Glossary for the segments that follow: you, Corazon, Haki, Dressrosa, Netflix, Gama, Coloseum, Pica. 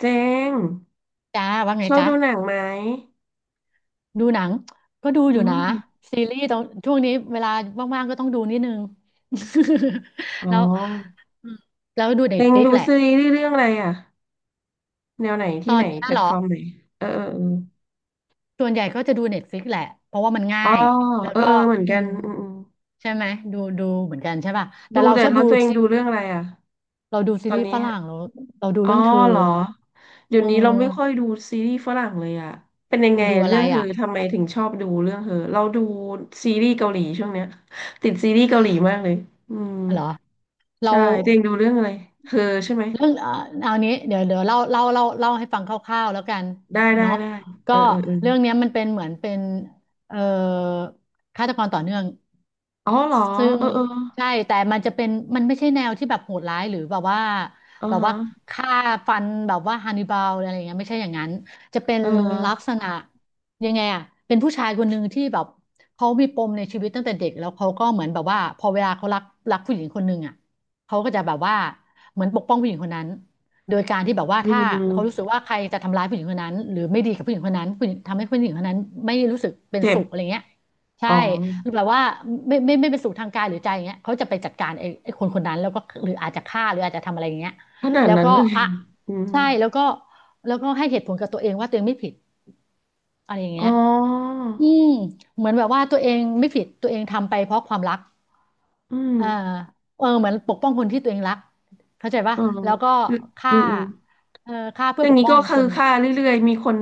เจงจ้าว่าไงชอบจ๊ะดูหนังไหมดูหนังก็ดูออืยู่นะมซีรีส์ตรงช่วงนี้เวลาว่างๆก็ต้องดูนิดนึง อ๋อ แล้วอืมแล้วดูเน็เจตงฟ i ิกดูแหละซีรีส์เรื่องอะไรอ่ะแนวไหนตที่อไหนนนี้แพลเหตรอฟอร์มไหนเออส่วนใหญ่ก็จะดูเน็ตฟ i ิกแหละเพราะว่ามันง่าเออยแล้วเอออ๋อเออก็เออเหมือนอืกันมอืมอืมใช่ไหมดูดูเหมือนกันใช่ป่ะแต่ดูเราแต่ชอบแล้ดูวตัวเองซีดูเรื่องอะไรอ่ะเราดูซีตอรีนส์นี้ฝรั่งเราเราดูอ๋อเรื่องเธอเหรอเดี๋ยเอวนี้เราไม่ค่อยอดูซีรีส์ฝรั่งเลยอ่ะเป็นยังไงดูอะเรื่ไรองเฮออ่ะทำไมถึงชอบดูเรื่องเฮอเราดูซีรีส์เกาหลีช่วงเนี้ยติดซีรีส์เกาหลีมากเลยอืมเหรอเรา ใช่ตัวเองดูเรื่องอะไรเฮอใช่ไหมเรื่องเอานี้เดี๋ยวเดี๋ยวเล่าเล่าเล่าเล่าให้ฟังคร่าวๆแล้วกันได้ได้เนาะได้เอก็อเออเออ เรื่องเนี้ยมันเป็นเหมือนเป็นเอ่อฆาตกรต่อเนื่องอ๋อเหรอซึ่งเออเออใช่แต่มันจะเป็นมันไม่ใช่แนวที่แบบโหดร้ายหรือแบบว่าอ่าแบบฮะว่าฆ่าฟันแบบว่าฮันนิบาลอะไรอย่างเงี้ยไม่ใช่อย่างนั้นจะเป็นเลักออษณะยังไงอะเป็นผู้ชายคนหนึ่งที่แบบเขามีปมในชีวิตตั้งแต่เด็กแล้วเขาก็เหมือนแบบว่าพอเวลาเขารักรักผู้หญิงคนหนึ่งอะเขาก็จะแบบว่า เหมือนปกป้องผู้หญิงคนนั้นโดยการที่แบบว่าอืถ้าเขารู้สึกมว่าใครจะทำร้ายผู้หญิงคนนั้นหรือไม่ดีกับผู้หญิงคนนั้นผู้หญิงทำให้ผู้หญิงคนนั้นไม่รู้สึกเป็นเจ็บสุขอะไรเงี้ยใช่อ๋อแบบว่าไม่ไม่ไม่เป็นสุขทางกายหรือใจอย่างเงี้ยเขาจะไปจัดการไอ้คนคนนั้นแล้วก็หรืออาจจะฆ่าหรืออาจจะทำอะไรอย่างเงี้ยขนาดแล้วนั้นก็เลย อ่ะ อืมใช่แล้วก็แล้วก็ให้เหตุผลกับตัวเองว่าตัวเองไม่ผิดอะไรอย่างอ๋เงี้อย อืมเหมือนแบบว่าตัวเองไม่ผิดตัวเองทำไปเพราะความรักอืมอ่าเออเหมือนปกป้องคนที่ตัวเองรักเข้าใจป่ะเออแล้วก็อืมอืฆ่ามอมเออฆ่าเพื่ออย่าปงกนี้ป้อก็งคืคอนค่าเรื่อยๆมีคน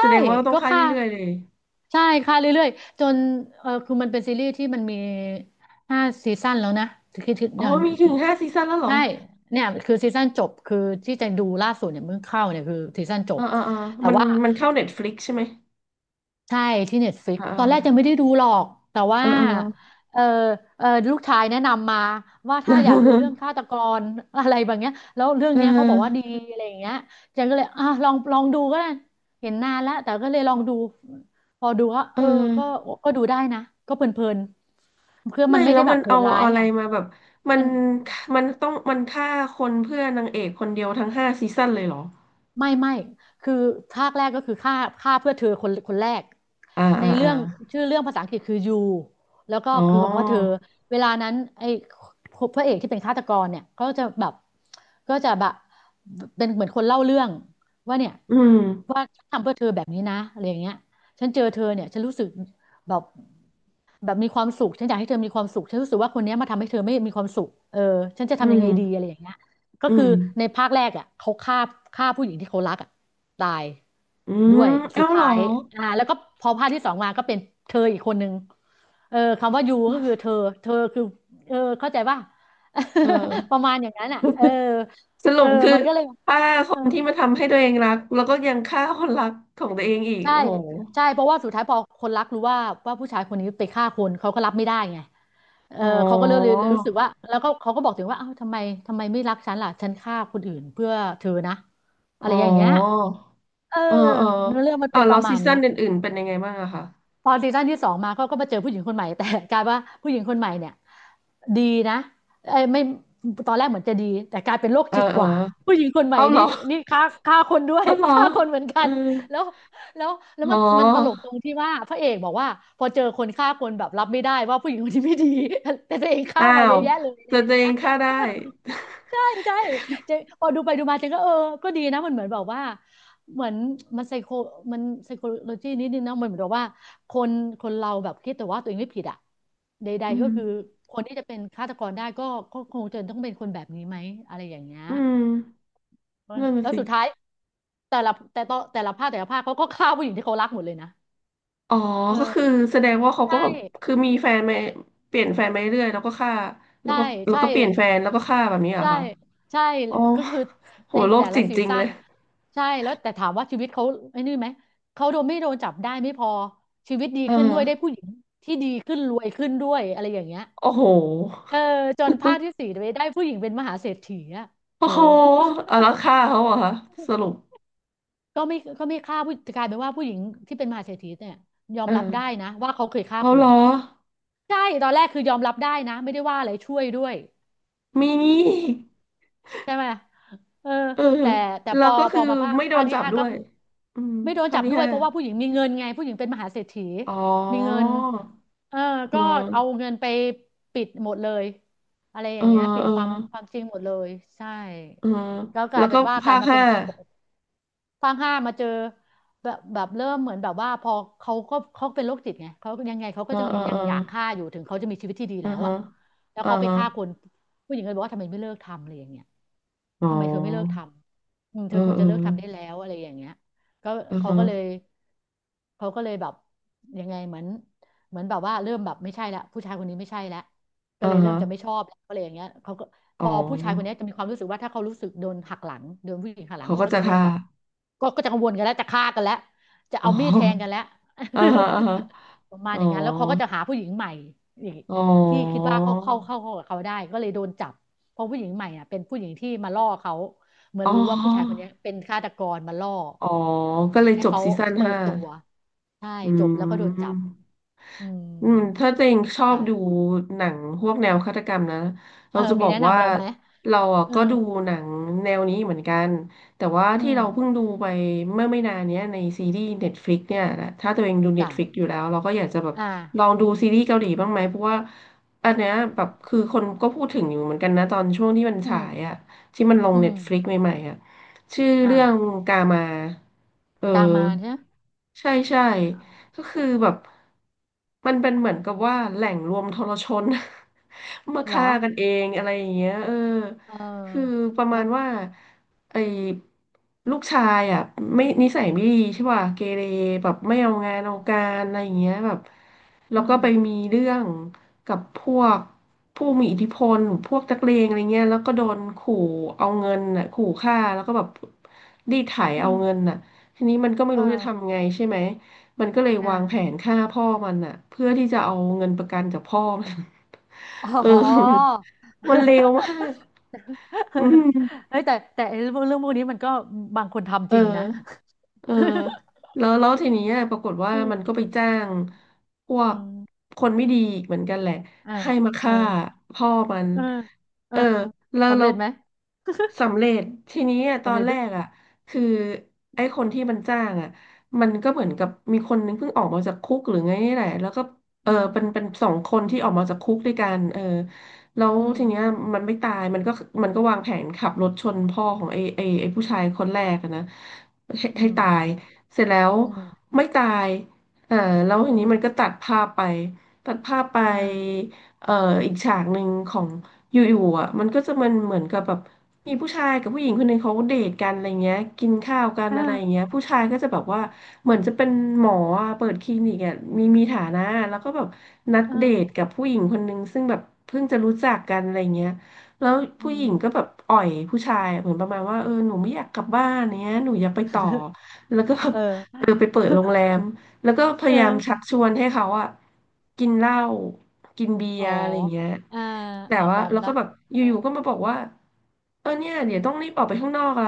แส่ดงว่าต้องก็ค่าฆ่าเรื่อยๆเลยใช่ฆ่าเรื่อยๆจนเออคือมันเป็นซีรีส์ที่มันมี5 ซีซั่นแล้วนะคืออ๋อเออมีถึงห้าซีซั่นแล้วเหรอใช่เนี่ยคือซีซั่นจบคือที่จะดูล่าสุดเนี่ยเพิ่งเข้าเนี่ยคือซีซั่นจเออบเออเออแต่มันว่า มันเข้าเน็ตฟลิกใช่ไหมใช่ที่ Netflix อ่ตอนแรกยังไม่าได้ดูหรอกแต่ว่าอ่าเออเออ เออเออลูกชายแนะนำมาว่าถ้าอยากดูเรื่อง ฆาตกร อะไรแบบเนี้ยแล้วเรื่อเงเนี้ยเขาบอกว่าดีอออะไรอย่างเงี้ยจันก็เลยอ่ะลองลองดูก็ได้เห็นนานแล้วแต่ก็เลยลองดูพอดูก็เอเอออ ก็ก็ดูได้นะก็เพลินๆคือมัไม่นไม่แล้ได้วแบมับนโหเอาดร้ายอะไรไงมาแบบมัมันน มันต้องมันฆ่าคนเพื่อนางเอกคนเดียวทั้งห้าซีซั่นเลยเหรอไม่ไม่คือภาคแรกก็คือฆ่าฆ่าเพื่อเธอคนคนแรกอ่าในอ่าเรื่อ่าองชื่อเรื่องภาษาอังกฤษคือ you แล้วก็อ๋อคือคำว่าเธอเวลานั้นไอ้พระเอกที่เป็นฆาตกรเนี่ยก็จะแบบก็จะแบบเป็นเหมือนคนเล่าเรื่องว่าเนี่ยอืมว่าฉันทำเพื่อเธอแบบนี้นะอะไรอย่างเงี้ยฉันเจอเธอเนี่ยฉันรู้สึกแบบแบบมีความสุขฉันอยากให้เธอมีความสุขฉันรู้สึกว่าคนเนี้ยมาทำให้เธอไม่มีความสุขเออฉันจะอืทำยังมไงดีอะไรอย่างเงี้ย ก็อืคือมในภาคแรกอ่ะเขาฆ่าฆ่าผู้หญิงที่เขารักอ่ะตายอืด้มวยสุเอ้าดเหรท้าอยอ่าแล้วก็พอภาคที่สองมาก็เป็นเธออีกคนนึงเออคำว่ายูก็คือเธอเธอคือเออเข้าใจป่ะ เอ ปอระมาณอย่างนั้นอ่ะเออสรุเออปคือมันก็เลยฆ่าคเออนที่มาทำให้ตัวเองรักแล้วก็ยังฆ่าคนรักของตัวเองอีกใช่โอ้โหใช่เพราะว่าสุดท้ายพอคนรักรู้ว่าว่าผู้ชายคนนี้ไปฆ่าคนเขาก็รับไม่ได้ไงเอออ๋อเขาก็เลยรู้สึกว่าแล้วก็เขาก็บอกถึงว่าเอ้าทำไมทำไมไม่รักฉันล่ะฉันฆ่าคนอื่นเพื่อเธอนะอะอ๋ไรออย่างเงี้ย เออเออเออเนื้อเรื่องมันอ่าเป็นปแล้วระมาซีณเนี้ซั่นยอื่นๆเป็นยังไงบ้างอะคะพอซีซั่นที่สองมาเขาก็มาเจอผู้หญิงคนใหม่แต่ กลายว่าผู้หญิงคนใหม่เนี่ยดีนะเอ้ยไม่ตอนแรกเหมือนจะดีแต่กลายเป็นโรคเออจิตเอกอว่าผู้หญิงคนใหม่เอาเหรนี่อนี่ฆ่าฆ่าคนด้วย เอาเหรอ ฆ่าคนเหมือนกัเออ นแล้วแล้วแล้วอ๋มัอนมันตลกตรงที่ว่าพระเอกบอกว่าพอเจอคนฆ่าคนแบบรับไม่ได้ว่าผู้หญิงคนที่ไม่ดี แต่ตัวเองฆ่าอ้ามาเยวอะแยะเลยอะไรแต่อย่าตังวเอเงี้ย งฆ่าได้ ใช่ใช่เจพอดูไปดูมาเจนก็เออก็ดีนะมันเหมือนแบบว่า เหมือนมันไซโคมันไซโคโลจีนิดนึงนะมันเหมือนกับว่าคนคนเราแบบคิดแต่ว่าตัวเองไม่ผิดอ่ะใดอืๆก็มคือคนที่จะเป็นฆาตกรได้ก็ก็คงจะต้องเป็นคนแบบนี้ไหมอะไรอย่างเงี้ยอืมนั่นน่ะแล้วสิสุดท้ายแต่ละแต่ต่อแต่ละภาคแต่ละภาคเขาก็ฆ่าผู้หญิงที่เขารักหมดเลยนะอ๋อก็คือเออแสดงว่าเขาใช่ ก็แบบคือมีแฟนมาเปลี่ยนแฟนมาเรื่อยๆแล้วก็ฆ่าแล้วใช่ ก็แล้วใช่ ก็เปลี่ยนแฟนแล้วก็ฆ่าแบบนี้เหรอใช่คะใช่อ๋อก็คือโหในโรคแต่ละจิตซีจริงซั่เลนยใช่แล้วแต่ถามว่าชีวิตเขาไอ้นี่ไหมเขาโดนไม่โดนจับได้ไม่พอชีวิตดีเออขึ้นด้วยได้ผู้หญิงที่ดีขึ้นรวยขึ้นด้วยอะไรอย่างเงี้ยโอ้โห เออจนภาคที่ สี่ไปได้ผู้หญิงเป็นมหาเศรษฐีอะเธโอ้อโหเอาแล้วฆ่าเขาเหรอคะสรุปก็ไม่ฆ่าผู้กลายเป็นว่าผู้หญิงที่เป็นมหาเศรษฐีเนี่ยยอเอมรับอได้นะว่าเขาเคยฆ่าเอาคเหรนอใช่ตอนแรกคือยอมรับได้นะไม่ได้ว่าอะไรช่วยด้วย มีงี้อีกใช่ไหมเออเออแต่แล้วก็พคืออมาภาคไม่โดภาคนที่จับห้าด้ก็วยคืออืมไม่โดนภาคจับที่ด้วยห้า เพราะว่าผู้หญิงมีเงินไงผู้หญิงเป็นมหาเศรษฐีอ๋อมีเงินเออเออ ก็เอาเงินไปปิดหมดเลยอะไรอเอย่าอ งเงี้ยปิดเออ ความจริงหมดเลยใช่เออแล้วกแล้ลายวเป็ก็นว่ากภาลายคมาเป็ห้านคนปกติภาคห้ามาเจอแบบเริ่มเหมือนแบบว่าพอเขาเป็นโรคจิตไงเขายังไงเขาเอก็อยังเออยัเองออยากฆ่าอยู่ถึงเขาจะมีชีวิตที่ดีอ่าแล้วฮะอะแล้วอ่าเขาไปฮะฆ่าคน ผู้หญิงก็เลยบอกว่าทำไมไม่เลิกทำอะไรอย่างเงี้ยอ๋ทำไมเธอไม่เลิกทอำเอเธออควรเออจะเลิกทำได้แล้วอะไรอย่างเงี้ยก็อ่าเขาฮะก็เลยเขาก็เลยแบบยังไงเหมือนเหมือนแบบว่าเริ่มแบบไม่ใช่ละผู้ชายคนนี้ไม่ใช่ละก็อ่าเลยเริ่ฮะมจะไม่ชอบแล้วอะไรอย่างเงี้ยเขาก็พอ๋ออผู้ชายคนเนี้ยจะมีความรู้สึกว่าถ้าเขารู้สึกโดนหักหลังโดนผู้หญิงหักหลังเขาเขาก็ก็จะจะเริ่ฆ่ามแบบ ก็จะกังวลกันแล้วจะฆ่ากันแล้วจะอ๋เอามีดแทงกัอนแล้ว อ่าฮะอ่าฮะ ประมาณอ๋ออย่างนั้นแล้วเขาก็จะหาผู้หญิงใหม่อีกอ๋อที่คิดว่าเขาเข้าเข้าเข้ากับเขาได้ก็เลยโดนจับเพราะผู้หญิงใหม่อ่ะเป็นผู้หญิงที่มาล่อเขาเหมือนอ๋รู้ว่าผู้ชายคนอนี้เป็นฆาตกรมาล่ออ๋อก็เลยให้จบเขาซีซั่นเปิห้า ดตัวใช่อืจบแล้วก็โดนจับมอือืมมถ้าตัวเองชอบใช่ดูหนังพวกแนวฆาตกรรมนะเอเราอจะบมีอกแนะว่านำเราไหมเราอ่ะเออก็ดูหนังแนวนี้เหมือนกันแต่ว่าอืที่เราเพิ่งมดูไปเมื่อไม่นานเนี้ยในซีรีส์ Netflix เนี่ยนะถ้าตัวเองดู จ้ะ Netflix อยู่แล้วเราก็อยากจะแบบอลอ่างดูซีรีส์เกาหลีบ้างไหมเพราะว่าอันเนี้ยแบบคือคนก็พูดถึงอยู่เหมือนกันนะตอนช่วงที่มันอืฉามยอ่ะที่มันลง อืม Netflix ใหม่ๆอ่ะชื่อเรื่องอ่ากามาเออ กางมาใช่ไหมใช่ใช่อ่าก็คือือม แบบมันเป็นเหมือนกับว่าแหล่งรวมทรชน มาเหรฆ่าอ กันเองอะไรอย่างเงี้ยเออเออคือประมาแล้ณวว่าไอ้ลูกชายอ่ะไม่นิสัยไม่ดีใช่ป่ะเกเรแบบไม่เอางานเอาการอะไรอย่างเงี้ยแบบแล้อืวก็มไปมีเรื่องกับพวกผู้มีอิทธิพลหรือพวกนักเลงอะไรเงี้ยแล้วก็โดนขู่เอาเงินน่ะขู่ฆ่าแล้วก็แบบรีดไถอืเอาเงินมน่ะ ทีนี้มันก็ไม่เออรู้จะทำไงใช่ไหม มันก็เลยวางแผอ่านฆ่าพ่อมันอะเพื่อที่จะเอาเงินประกันจากพ่อมัน อ๋ เอออ มันเลวมา กอืมเฮ้ยแต่ไอ้เรื่องพวกนี้มันก็บางคนทำเอจอ ริงนะ เออแล้วแล้วทีนี้ปรากฏว่าอืมันก็มไปจ้างพวอืกมคนไม่ดีอีกเหมือนกันแหละอ่าให้มาเออฆ่าพ่อมันเออเอเอออแล้วสำแล้เร็วจไหม สำเร็จทีนี้อะตอสำนเร็จแรด้วยกอ่ะคือไอ้คนที่มันจ้างอ่ะมันก็เหมือนกับมีคนนึงเพิ่งออกมาจากคุกหรือไงนี่แหละแล้วก็เอออืมเป็นสองคนที่ออกมาจากคุกด้วยกันเออแล้วอืมทีเนี้ยมันไม่ตายมันก็มันก็วางแผนขับรถชนพ่อของไอ้ผู้ชายคนแรกอะนะ ให้อืให้มตาครัยบ เสร็จแล้วอืมไม่ตายเออแล้วอืทีนี้มันก็มตัดภาพไปตัดภาพไปเออเอ่ออีกฉากหนึ่งของอยู่ๆอ่ะมันก็จะมันเหมือนกับแบบมีผู้ชายกับผู้หญิงคนหนึ่งเขาเดทกันอะไรเงี้ยกินข้าวกันเอออะไรอย่างเงี้ยผู้ชายก็จะแบบว่าเหมือนจะเป็นหมออ่ะเปิดคลินิกอ่ะมีมีฐานะแล้วก็แบบนัดเอเดทอกับผู้หญิงคนหนึ่งซึ่งแบบเพิ่งจะรู้จักกันอะไรเงี้ย แล้วอืผู้หญิงม ก็แบบอ่อยผู้ชายเหมือนประมาณว่าเออหนูไม่อยากกลับบ้านเนี้ยหนูอยากไปต่อ แล้วก็แบบเอเออไปอเปิดโรงแรมแล้วก็พเออยายามชักชวนให้เขาอะกินเหล้ากินเบียอ๋อ ร์อะไรอย่างเงี้ยอ่าแต่เออว่ามอมแล้วก็ละแบบอเออยู่ๆก็มาบอกว่าเออเนี่ยเอเดี๋ยวต้องรีอ บออกไปข้างนอกละ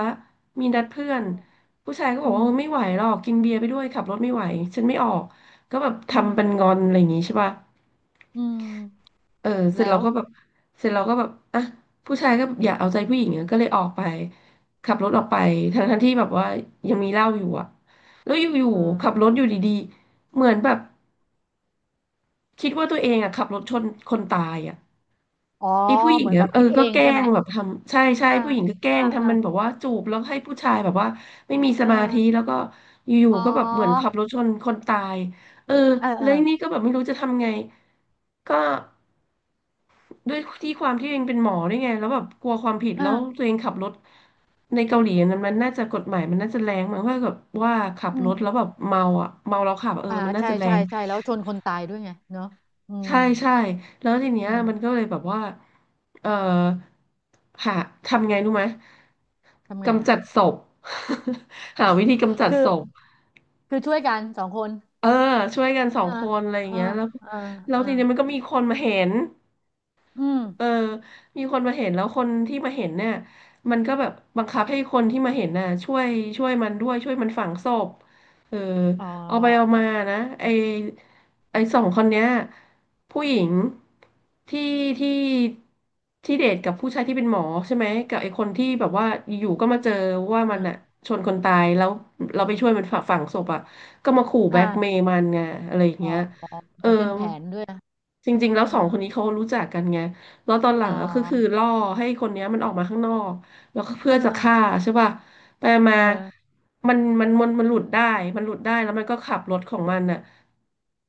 มีนัดเพื่อนอผู้ชายก็บอืกว่าเออไม่มไหวหรอกกินเบียร์ไปด้วยขับรถไม่ไหวฉันไม่ออกก็แบบอืมทำเป็นงอนอะไรอย่างงี้ใช่ป่ะ อืม เออเสร็จแล้เราวก็แบบเสร็จเราก็แบบอ่ะผู้ชายก็อยากเอาใจผู้หญิงอะก็เลยออกไปขับรถออกไปทั้งที่แบบว่ายังมีเหล้าอยู่อ่ะแล้วอยู่อืๆขับรถมอยู่ดีๆเหมือนแบบคิดว่าตัวเองอ่ะขับรถชนคนตายอ่ะอ๋อ ไอ้ผู้หญิเหงมือนแบอ่ะบเออคิดเอก็งแกล้ใช่ไหมงแบบทำใช่ใช่เออผู้หญิงก็แกล้เอองเออทำมันแบบว่าจูบแล้วให้ผู้ชายแบบว่าไม่มีสเอมาธิอแล้วก็อยู่อ๋อๆก็แบบเหมือนขับรถชนคนตายเออเออเอแล้อวนี่ก็แบบไม่รู้จะทำไงก็ ด้วยที่ความที่เองเป็นหมอด้วยไงแล้วแบบกลัวความผิดเอแล้วตัอวเองขับรถในเกาหลีนั้นมันน่าจะกฎหมายมันน่าจะแรงมั้งว่าแบบดว่าขับอืรถแล้วแบมบเมาอ่ะเมาแล้วขับเอออ่ามันน่าใช่จะแรใช่ งใช่ แล้วชนคนตายด้วยไงเนอะอืมใช่ใช่แล้วทีเนี้อืยมันก็มเลยแบบว่าเออหาทำไงรู้ไหมทำไงกำอ่ะจัดศพ หาอ๋อ วิธีกำจั ดคือ ศพคือช่วยกันสองคนเออช่วยกันสองอ่าคนอะไรอย่างอ่าเงี้ยแล้วอ่าแล้วอาทีเนี้ยมันก็มีคนมาเห็น อืมเออ มีคนมาเห็นแล้วคนที่มาเห็นเนี่ยมันก็แบบบังคับให้คนที่มาเห็นน่ะช่วยมันด้วยช่วยมันฝังศพเอออ๋อเอาไปเอามานะไอสองคนเนี้ยผู้หญิงที่ที่ที่เดทกับผู้ชายที่เป็นหมอใช่ไหมกับไอคนที่แบบว่าอยู่ๆก็มาเจอว่าอมันอ่ะอาชนคนตายแล้วเราไปช่วยมันฝังศพอ่ะก็มาขู่แบอ่าล็กเมย์มันไงอะไรอย่างอ๋อเงี้ยเอเหมออนเป็นแผนด้วยจริงอ่าๆแล้วสองคนนี้เขารู้จักกันไง แล้วตอนหออลัเอ๋งอะคืออล่อให้คนเนี้ยมันออกมาข้างนอกแล้วก็เพื่อจะฆ่าใช่ป่ะไปมาเออ มันหลุดได้มันหลุดได้แล้วมันก็ขับรถของมันน่ะ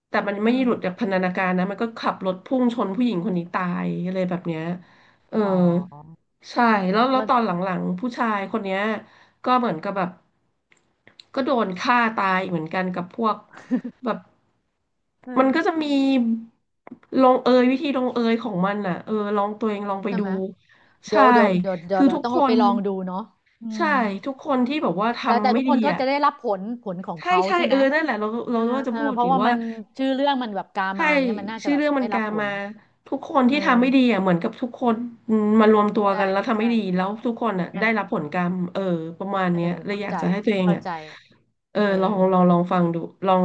แต่มันอืไม่หลุดจากมพันธนาการนะมันก็ขับรถพุ่งชนผู้หญิงคนนี้ตายอะไรแบบเนี้ยเอออ๋อใช่อืมแล้วแล้วก็ตอนหลังๆผู้ชายคนเนี้ย ก็เหมือนกับแบบก็โดนฆ่าตายเหมือนกันกับพวกแบบเออมันก็จะมีลงเอยวิธีลงเอยของมันน่ะเออลองตัวเองลองไปใช่ดูไหมเดี๋ใช่ยวเดี๋ยวเดี๋ยวเดี๋ยคืวอเดี๋ยทุวกต้องคไปนลองดูเนาะอืมใช่ทุกคนที่แบบว่าแต่ทำไม่ทุกคดีนก็อ่ะจะได้รับผลของใช่เขาใช่ใช่เอไหมอนั่นแหละเราเอเราอว่าจะเออพูดเพหราะรือว่าว่า มันชื่อเรื่องมันแบบกาใช่มาอย่างเงี้ยมันน่าจะชื่อแบบเรื่องมัได้นรักาบผมาลทุกคนเอที่อทำไม่ดีอ่ะเหมือนกับทุกคนอืมมารวมตัวใช่กันแล้วทำไม่ใช่ดีแล้วทุกคนอ่ะงั้ได้นรับผลกรรมเออประมาณเออเนี้ยเลยเข้าอยากใจจะให้ตัวเองเข้าอ่ะใจเออเอลองอลองลองฟังดูลอง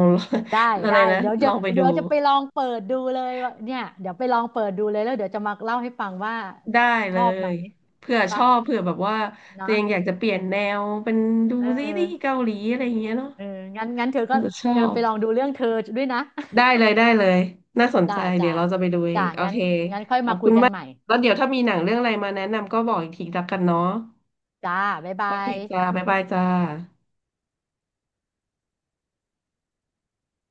ได้ อะไรได้นะลองไปดูเดี๋ยวจะไปลองเปิดดูเลยว่าเนี่ยเดี๋ยวไปลองเปิดดูเลยแล้วเดี๋ยวจะมาเล่าให้ฟังว่าได้ชเลอบไหมยเผื่ดีอชป่ะอบเผื่อแบบว่าตัเนาะวเองอยากจะเปลี่ยนแนวเป็นดูเอซีอ รีส์เกาหลีอะไรอย่างเงี้ยเนาะเอองั้นเธออาก็จจะชอเธอบ ไปลองดูเรื่องเธอด้วยนะ ได้ เลยได้เลยน่าสนจ้าใจเดี๋จ้ายวเราจะไปดูเอจ้างโองั้นเคงั้นค่อยขอมาบคุคุยณกันมากใหม่แล้วเดี๋ยวถ้ามีหนังเรื่องอะไรมาแนะนำก็บอกอีกทีละกันเนาะจ้าบ๊ายโอบาเคยจ้าบ๊ายบายจ้า